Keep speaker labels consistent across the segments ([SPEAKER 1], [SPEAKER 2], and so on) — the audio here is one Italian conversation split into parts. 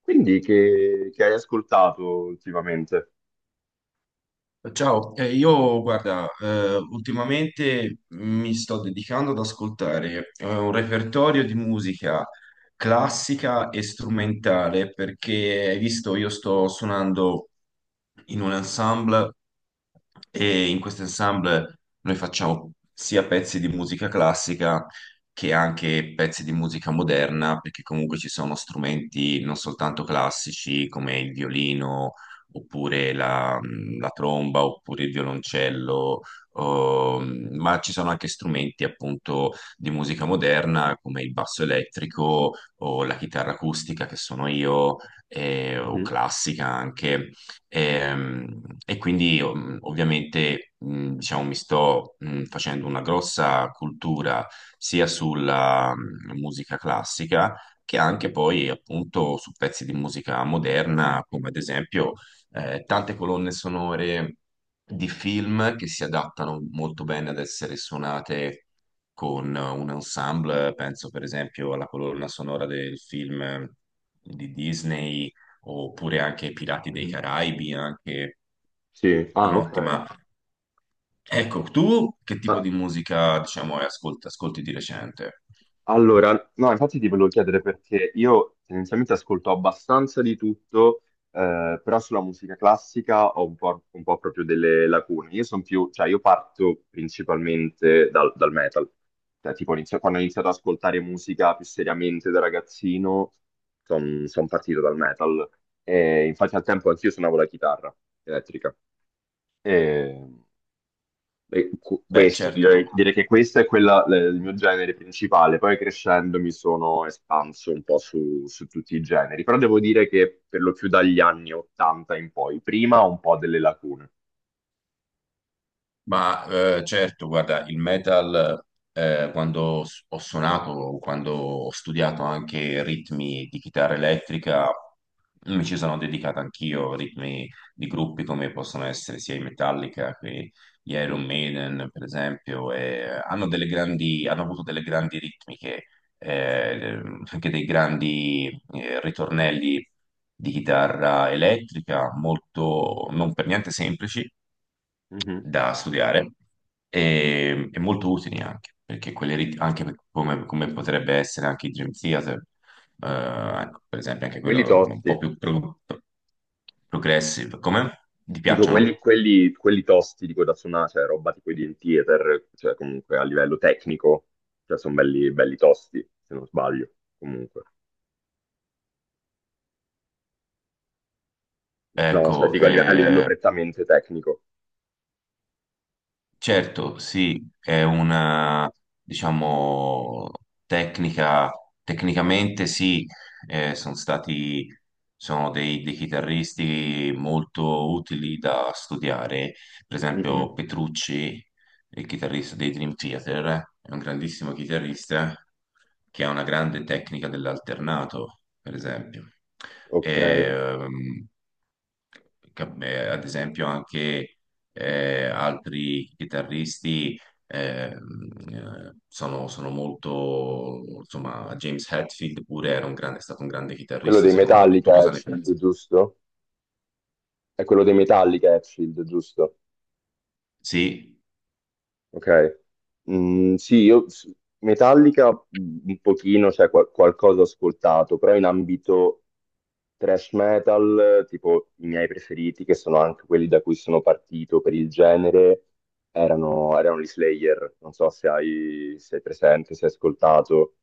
[SPEAKER 1] Quindi che hai ascoltato ultimamente?
[SPEAKER 2] Ciao, io guarda, ultimamente mi sto dedicando ad ascoltare un repertorio di musica classica e strumentale perché, hai visto, io sto suonando in un ensemble e in questo ensemble noi facciamo sia pezzi di musica classica che anche pezzi di musica moderna perché comunque ci sono strumenti non soltanto classici come il violino oppure la tromba, oppure il violoncello, ma ci sono anche strumenti appunto di musica moderna come il basso elettrico o la chitarra acustica che sono io, o
[SPEAKER 1] Mhm,
[SPEAKER 2] classica anche. E quindi ovviamente diciamo, mi sto facendo una grossa cultura sia sulla musica classica che anche poi appunto su pezzi di musica moderna, come ad esempio tante colonne sonore di film che si adattano molto bene ad essere suonate con un ensemble, penso per esempio alla colonna sonora del film di Disney oppure anche Pirati dei
[SPEAKER 1] mhm.
[SPEAKER 2] Caraibi, anche
[SPEAKER 1] Sì,
[SPEAKER 2] è
[SPEAKER 1] ah, ok.
[SPEAKER 2] un'ottima. Ecco, tu che tipo
[SPEAKER 1] Ma-
[SPEAKER 2] di musica, diciamo, ascolti di recente?
[SPEAKER 1] Allora, no, infatti ti volevo chiedere perché io tendenzialmente ascolto abbastanza di tutto, però sulla musica classica ho un po' proprio delle lacune. Io sono più, cioè io parto principalmente dal metal. Cioè, quando ho iniziato ad ascoltare musica più seriamente da ragazzino, sono partito dal metal. E infatti al tempo anch'io suonavo la chitarra elettrica. E,
[SPEAKER 2] Beh,
[SPEAKER 1] Questo,
[SPEAKER 2] certo.
[SPEAKER 1] direi che questo è quella, l- il mio genere principale. Poi crescendo mi sono espanso un po' su tutti i generi, però devo dire che per lo più dagli anni 80 in poi, prima ho un po' delle lacune.
[SPEAKER 2] Ma certo, guarda, il metal, ho suonato, quando ho studiato anche ritmi di chitarra elettrica, mi ci sono dedicato anch'io, ritmi di gruppi come possono essere sia i Metallica che gli
[SPEAKER 1] Mhm,
[SPEAKER 2] Iron Maiden, per esempio, e hanno avuto delle grandi ritmiche, eh, anche dei grandi ritornelli di chitarra elettrica, molto non per niente semplici
[SPEAKER 1] mhm.
[SPEAKER 2] da studiare e molto utili anche, perché quelle rit- anche per- come, come potrebbe essere anche il Dream Theater, ecco, per esempio
[SPEAKER 1] E
[SPEAKER 2] anche
[SPEAKER 1] quelli
[SPEAKER 2] quello un
[SPEAKER 1] tosti,
[SPEAKER 2] po' progressive, come? Ti
[SPEAKER 1] dico
[SPEAKER 2] piacciono?
[SPEAKER 1] quelli tosti, dico da suonare, cioè roba tipo i Dream Theater, cioè comunque a livello tecnico, cioè sono belli, belli tosti, se non sbaglio, comunque. No, cioè
[SPEAKER 2] Ecco,
[SPEAKER 1] dico a livello prettamente tecnico.
[SPEAKER 2] Certo, sì, è una, diciamo, tecnica, tecnicamente sì, eh, sono stati, sono dei chitarristi molto utili da studiare, per esempio Petrucci, il chitarrista dei Dream Theater, è un grandissimo chitarrista che ha una grande tecnica dell'alternato, per esempio.
[SPEAKER 1] Ok.
[SPEAKER 2] Ehm, Ad esempio anche altri chitarristi sono molto, insomma, James Hetfield pure era un grande, è stato un grande
[SPEAKER 1] Quello
[SPEAKER 2] chitarrista,
[SPEAKER 1] dei
[SPEAKER 2] secondo me. Tu
[SPEAKER 1] Metallica è
[SPEAKER 2] cosa ne
[SPEAKER 1] Shield,
[SPEAKER 2] pensi?
[SPEAKER 1] giusto? È quello dei Metallica è Shield, giusto?
[SPEAKER 2] Sì,
[SPEAKER 1] Ok. Mm, sì, Metallica mm, un pochino, cioè qualcosa ho ascoltato, però in ambito thrash metal, tipo i miei preferiti, che sono anche quelli da cui sono partito per il genere, erano gli Slayer. Non so se hai presente, se hai ascoltato.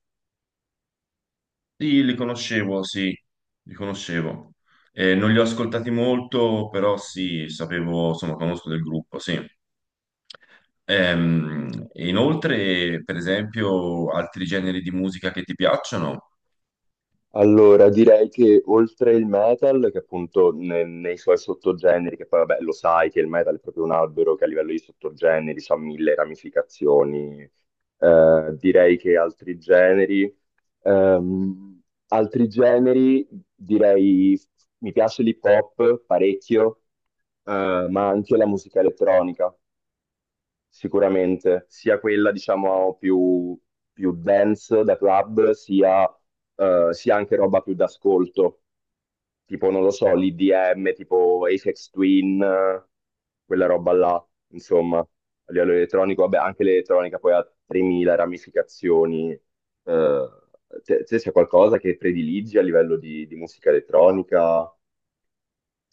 [SPEAKER 2] sì, li conoscevo, sì, li conoscevo. Non li ho ascoltati molto, però sì, sapevo, insomma, conosco del gruppo, sì. Inoltre, per esempio, altri generi di musica che ti piacciono?
[SPEAKER 1] Allora, direi che oltre il metal, che appunto nei suoi sottogeneri, che poi vabbè lo sai che il metal è proprio un albero che a livello di sottogeneri ha mille ramificazioni, direi che altri generi, ehm, altri generi, direi mi piace l'hip hop parecchio, ma anche la musica elettronica. Sicuramente, sia quella diciamo più dance da club, sia, sia anche roba più d'ascolto, tipo non lo so, l'IDM, tipo Aphex Twin, quella roba là, insomma, a livello elettronico, vabbè, anche l'elettronica poi ha 3000 ramificazioni. Te c'è qualcosa che prediligi a livello di musica elettronica?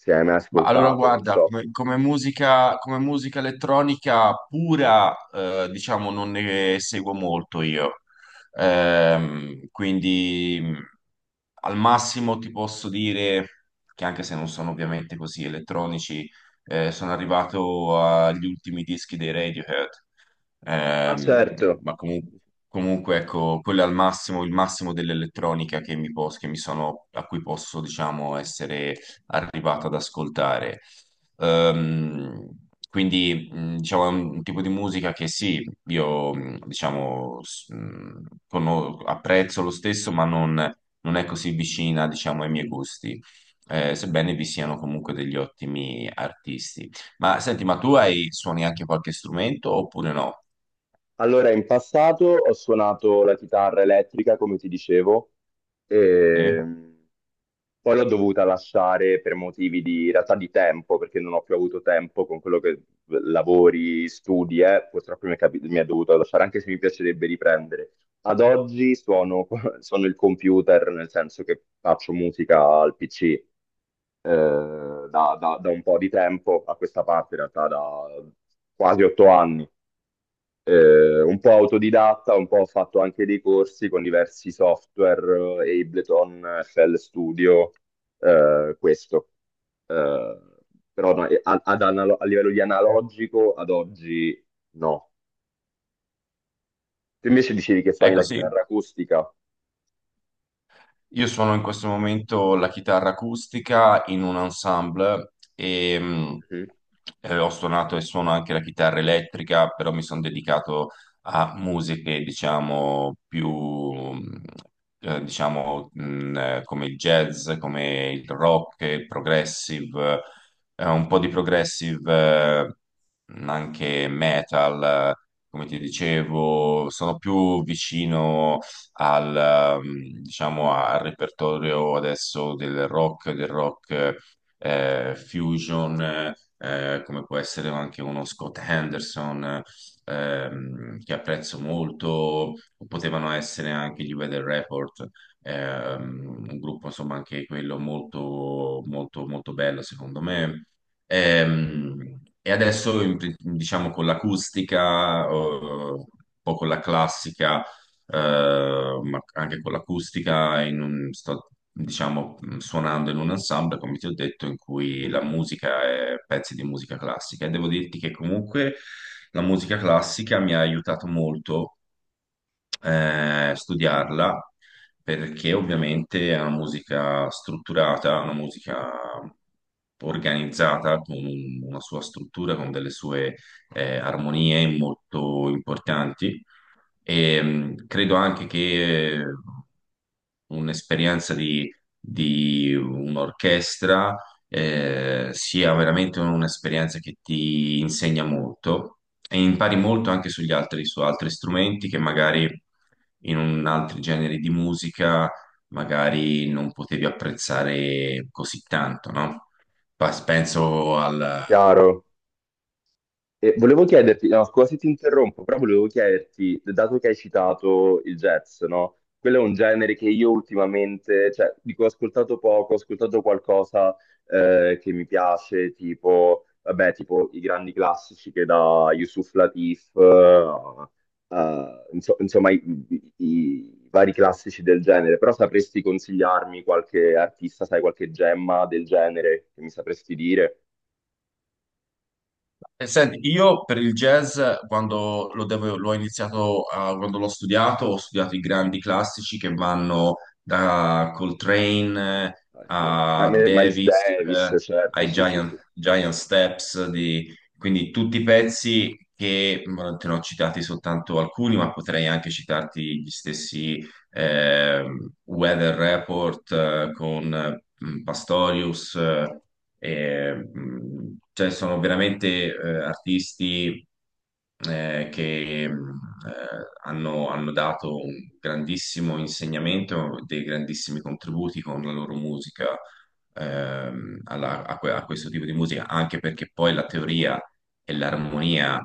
[SPEAKER 1] Se hai mai
[SPEAKER 2] Ma allora
[SPEAKER 1] ascoltato, non
[SPEAKER 2] guarda,
[SPEAKER 1] so.
[SPEAKER 2] come musica elettronica pura, diciamo, non ne seguo molto io. Quindi al massimo ti posso dire che anche se non sono ovviamente così elettronici, sono arrivato agli ultimi dischi dei Radiohead.
[SPEAKER 1] Ah,
[SPEAKER 2] Ehm,
[SPEAKER 1] certo.
[SPEAKER 2] ma comu- Comunque ecco, quello è al massimo, il massimo dell'elettronica che mi sono, a cui posso, diciamo, essere arrivato ad ascoltare. Quindi, diciamo, è un tipo di musica che sì, io, diciamo, apprezzo lo stesso, ma non è così vicina, diciamo, ai miei gusti, sebbene vi siano comunque degli ottimi artisti. Ma senti, ma tu hai, suoni anche qualche strumento oppure no?
[SPEAKER 1] Allora, in passato ho suonato la chitarra elettrica, come ti dicevo,
[SPEAKER 2] Sì?
[SPEAKER 1] e poi l'ho dovuta lasciare per motivi di, in realtà di tempo, perché non ho più avuto tempo con quello che lavori, studi, purtroppo mi è dovuto lasciare, anche se mi piacerebbe riprendere. Ad oggi suono, suono il computer, nel senso che faccio musica al PC, da un po' di tempo a questa parte, in realtà da quasi 8 anni un po' autodidatta, un po' ho fatto anche dei corsi con diversi software, Ableton, FL Studio, questo. Eh, però no, a livello di analogico ad oggi no. Tu invece dicevi che suoni
[SPEAKER 2] Ecco,
[SPEAKER 1] la
[SPEAKER 2] sì.
[SPEAKER 1] chitarra acustica.
[SPEAKER 2] Io suono in questo momento la chitarra acustica in un ensemble e
[SPEAKER 1] Mhm.
[SPEAKER 2] ho suonato e suono anche la chitarra elettrica, però mi sono dedicato a musiche, diciamo, più, diciamo, come il jazz, come il rock, il progressive, un po' di progressive, anche metal, eh, come ti dicevo, sono più vicino diciamo, al repertorio adesso del rock fusion, come può essere anche uno Scott Henderson, che apprezzo molto, o potevano essere anche gli Weather Report, un gruppo insomma anche quello molto, molto, molto bello secondo me. Ehm, E adesso, diciamo, con l'acustica, un po' con la classica, ma anche con l'acustica, sto diciamo suonando in un ensemble, come ti ho detto, in cui la
[SPEAKER 1] Mhm.
[SPEAKER 2] musica è pezzi di musica classica e devo dirti che comunque la musica classica mi ha aiutato molto a studiarla perché ovviamente è una musica strutturata, una musica organizzata con una sua struttura, con delle sue armonie molto importanti e, credo anche che un'esperienza di un'orchestra sia veramente un'esperienza che ti insegna molto e impari molto anche sugli altri, su altri strumenti che magari in un altri generi di musica magari non potevi apprezzare così tanto, no? Penso.
[SPEAKER 1] Chiaro. E volevo chiederti, no, scusa se ti interrompo, però volevo chiederti, dato che hai citato il jazz, no? Quello è un genere che io ultimamente, cioè, dico, ho ascoltato poco, ho ascoltato qualcosa che mi piace, tipo, vabbè, tipo i grandi classici che da Yusuf Latif, insomma, i vari classici del genere, però sapresti consigliarmi qualche artista, sai, qualche gemma del genere che mi sapresti dire?
[SPEAKER 2] E senti, io per il jazz, l'ho iniziato, quando l'ho studiato, ho studiato i grandi classici che vanno da Coltrane
[SPEAKER 1] Ah, sì, eh.
[SPEAKER 2] a
[SPEAKER 1] Miles
[SPEAKER 2] Davis,
[SPEAKER 1] Davis, certo,
[SPEAKER 2] ai
[SPEAKER 1] sì, sì, sì,
[SPEAKER 2] Giant Steps, quindi tutti i pezzi che te ne ho citati soltanto alcuni, ma potrei anche citarti gli stessi Weather Report con Pastorius. Cioè, sono veramente artisti che hanno dato un grandissimo insegnamento, dei grandissimi contributi con la loro musica a questo tipo di musica, anche perché poi la teoria e l'armonia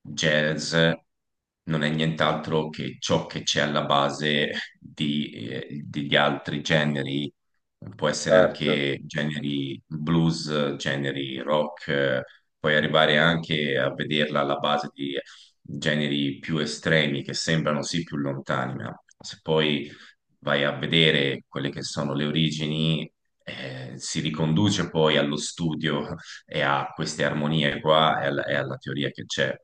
[SPEAKER 2] jazz non è nient'altro che ciò che c'è alla base degli altri generi può essere
[SPEAKER 1] certo.
[SPEAKER 2] anche generi blues, generi rock, puoi arrivare anche a vederla alla base di generi più estremi che sembrano sì più lontani, ma se poi vai a vedere quelle che sono le origini, si riconduce poi allo studio e a queste armonie qua e e alla teoria che c'è.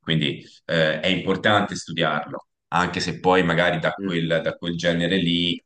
[SPEAKER 2] Quindi è importante studiarlo, anche se poi magari
[SPEAKER 1] Mhm,
[SPEAKER 2] da quel genere lì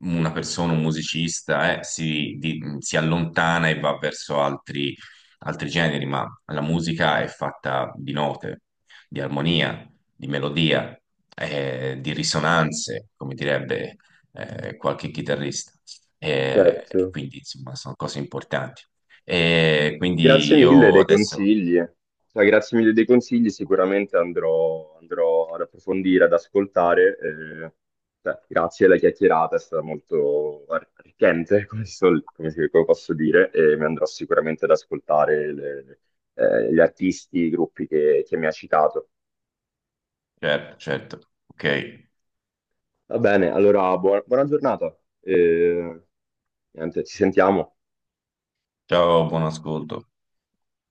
[SPEAKER 2] una persona, un musicista, si allontana e va verso altri, altri generi, ma la musica è fatta di note, di armonia, di melodia, di risonanze, come direbbe, qualche chitarrista.
[SPEAKER 1] certo.
[SPEAKER 2] Quindi, insomma, sono cose importanti. E quindi
[SPEAKER 1] Grazie mille
[SPEAKER 2] io
[SPEAKER 1] dei
[SPEAKER 2] adesso,
[SPEAKER 1] consigli. Cioè, grazie mille dei consigli, sicuramente andrò, andrò ad approfondire, ad ascoltare. Eh, cioè, grazie alla chiacchierata, è stata molto arricchente, come come posso dire, e mi andrò sicuramente ad ascoltare gli artisti, i gruppi che mi ha citato.
[SPEAKER 2] certo, certo, ok.
[SPEAKER 1] Va bene, allora buona, buona giornata. Eh, niente, ci sentiamo.
[SPEAKER 2] Ciao, buon ascolto.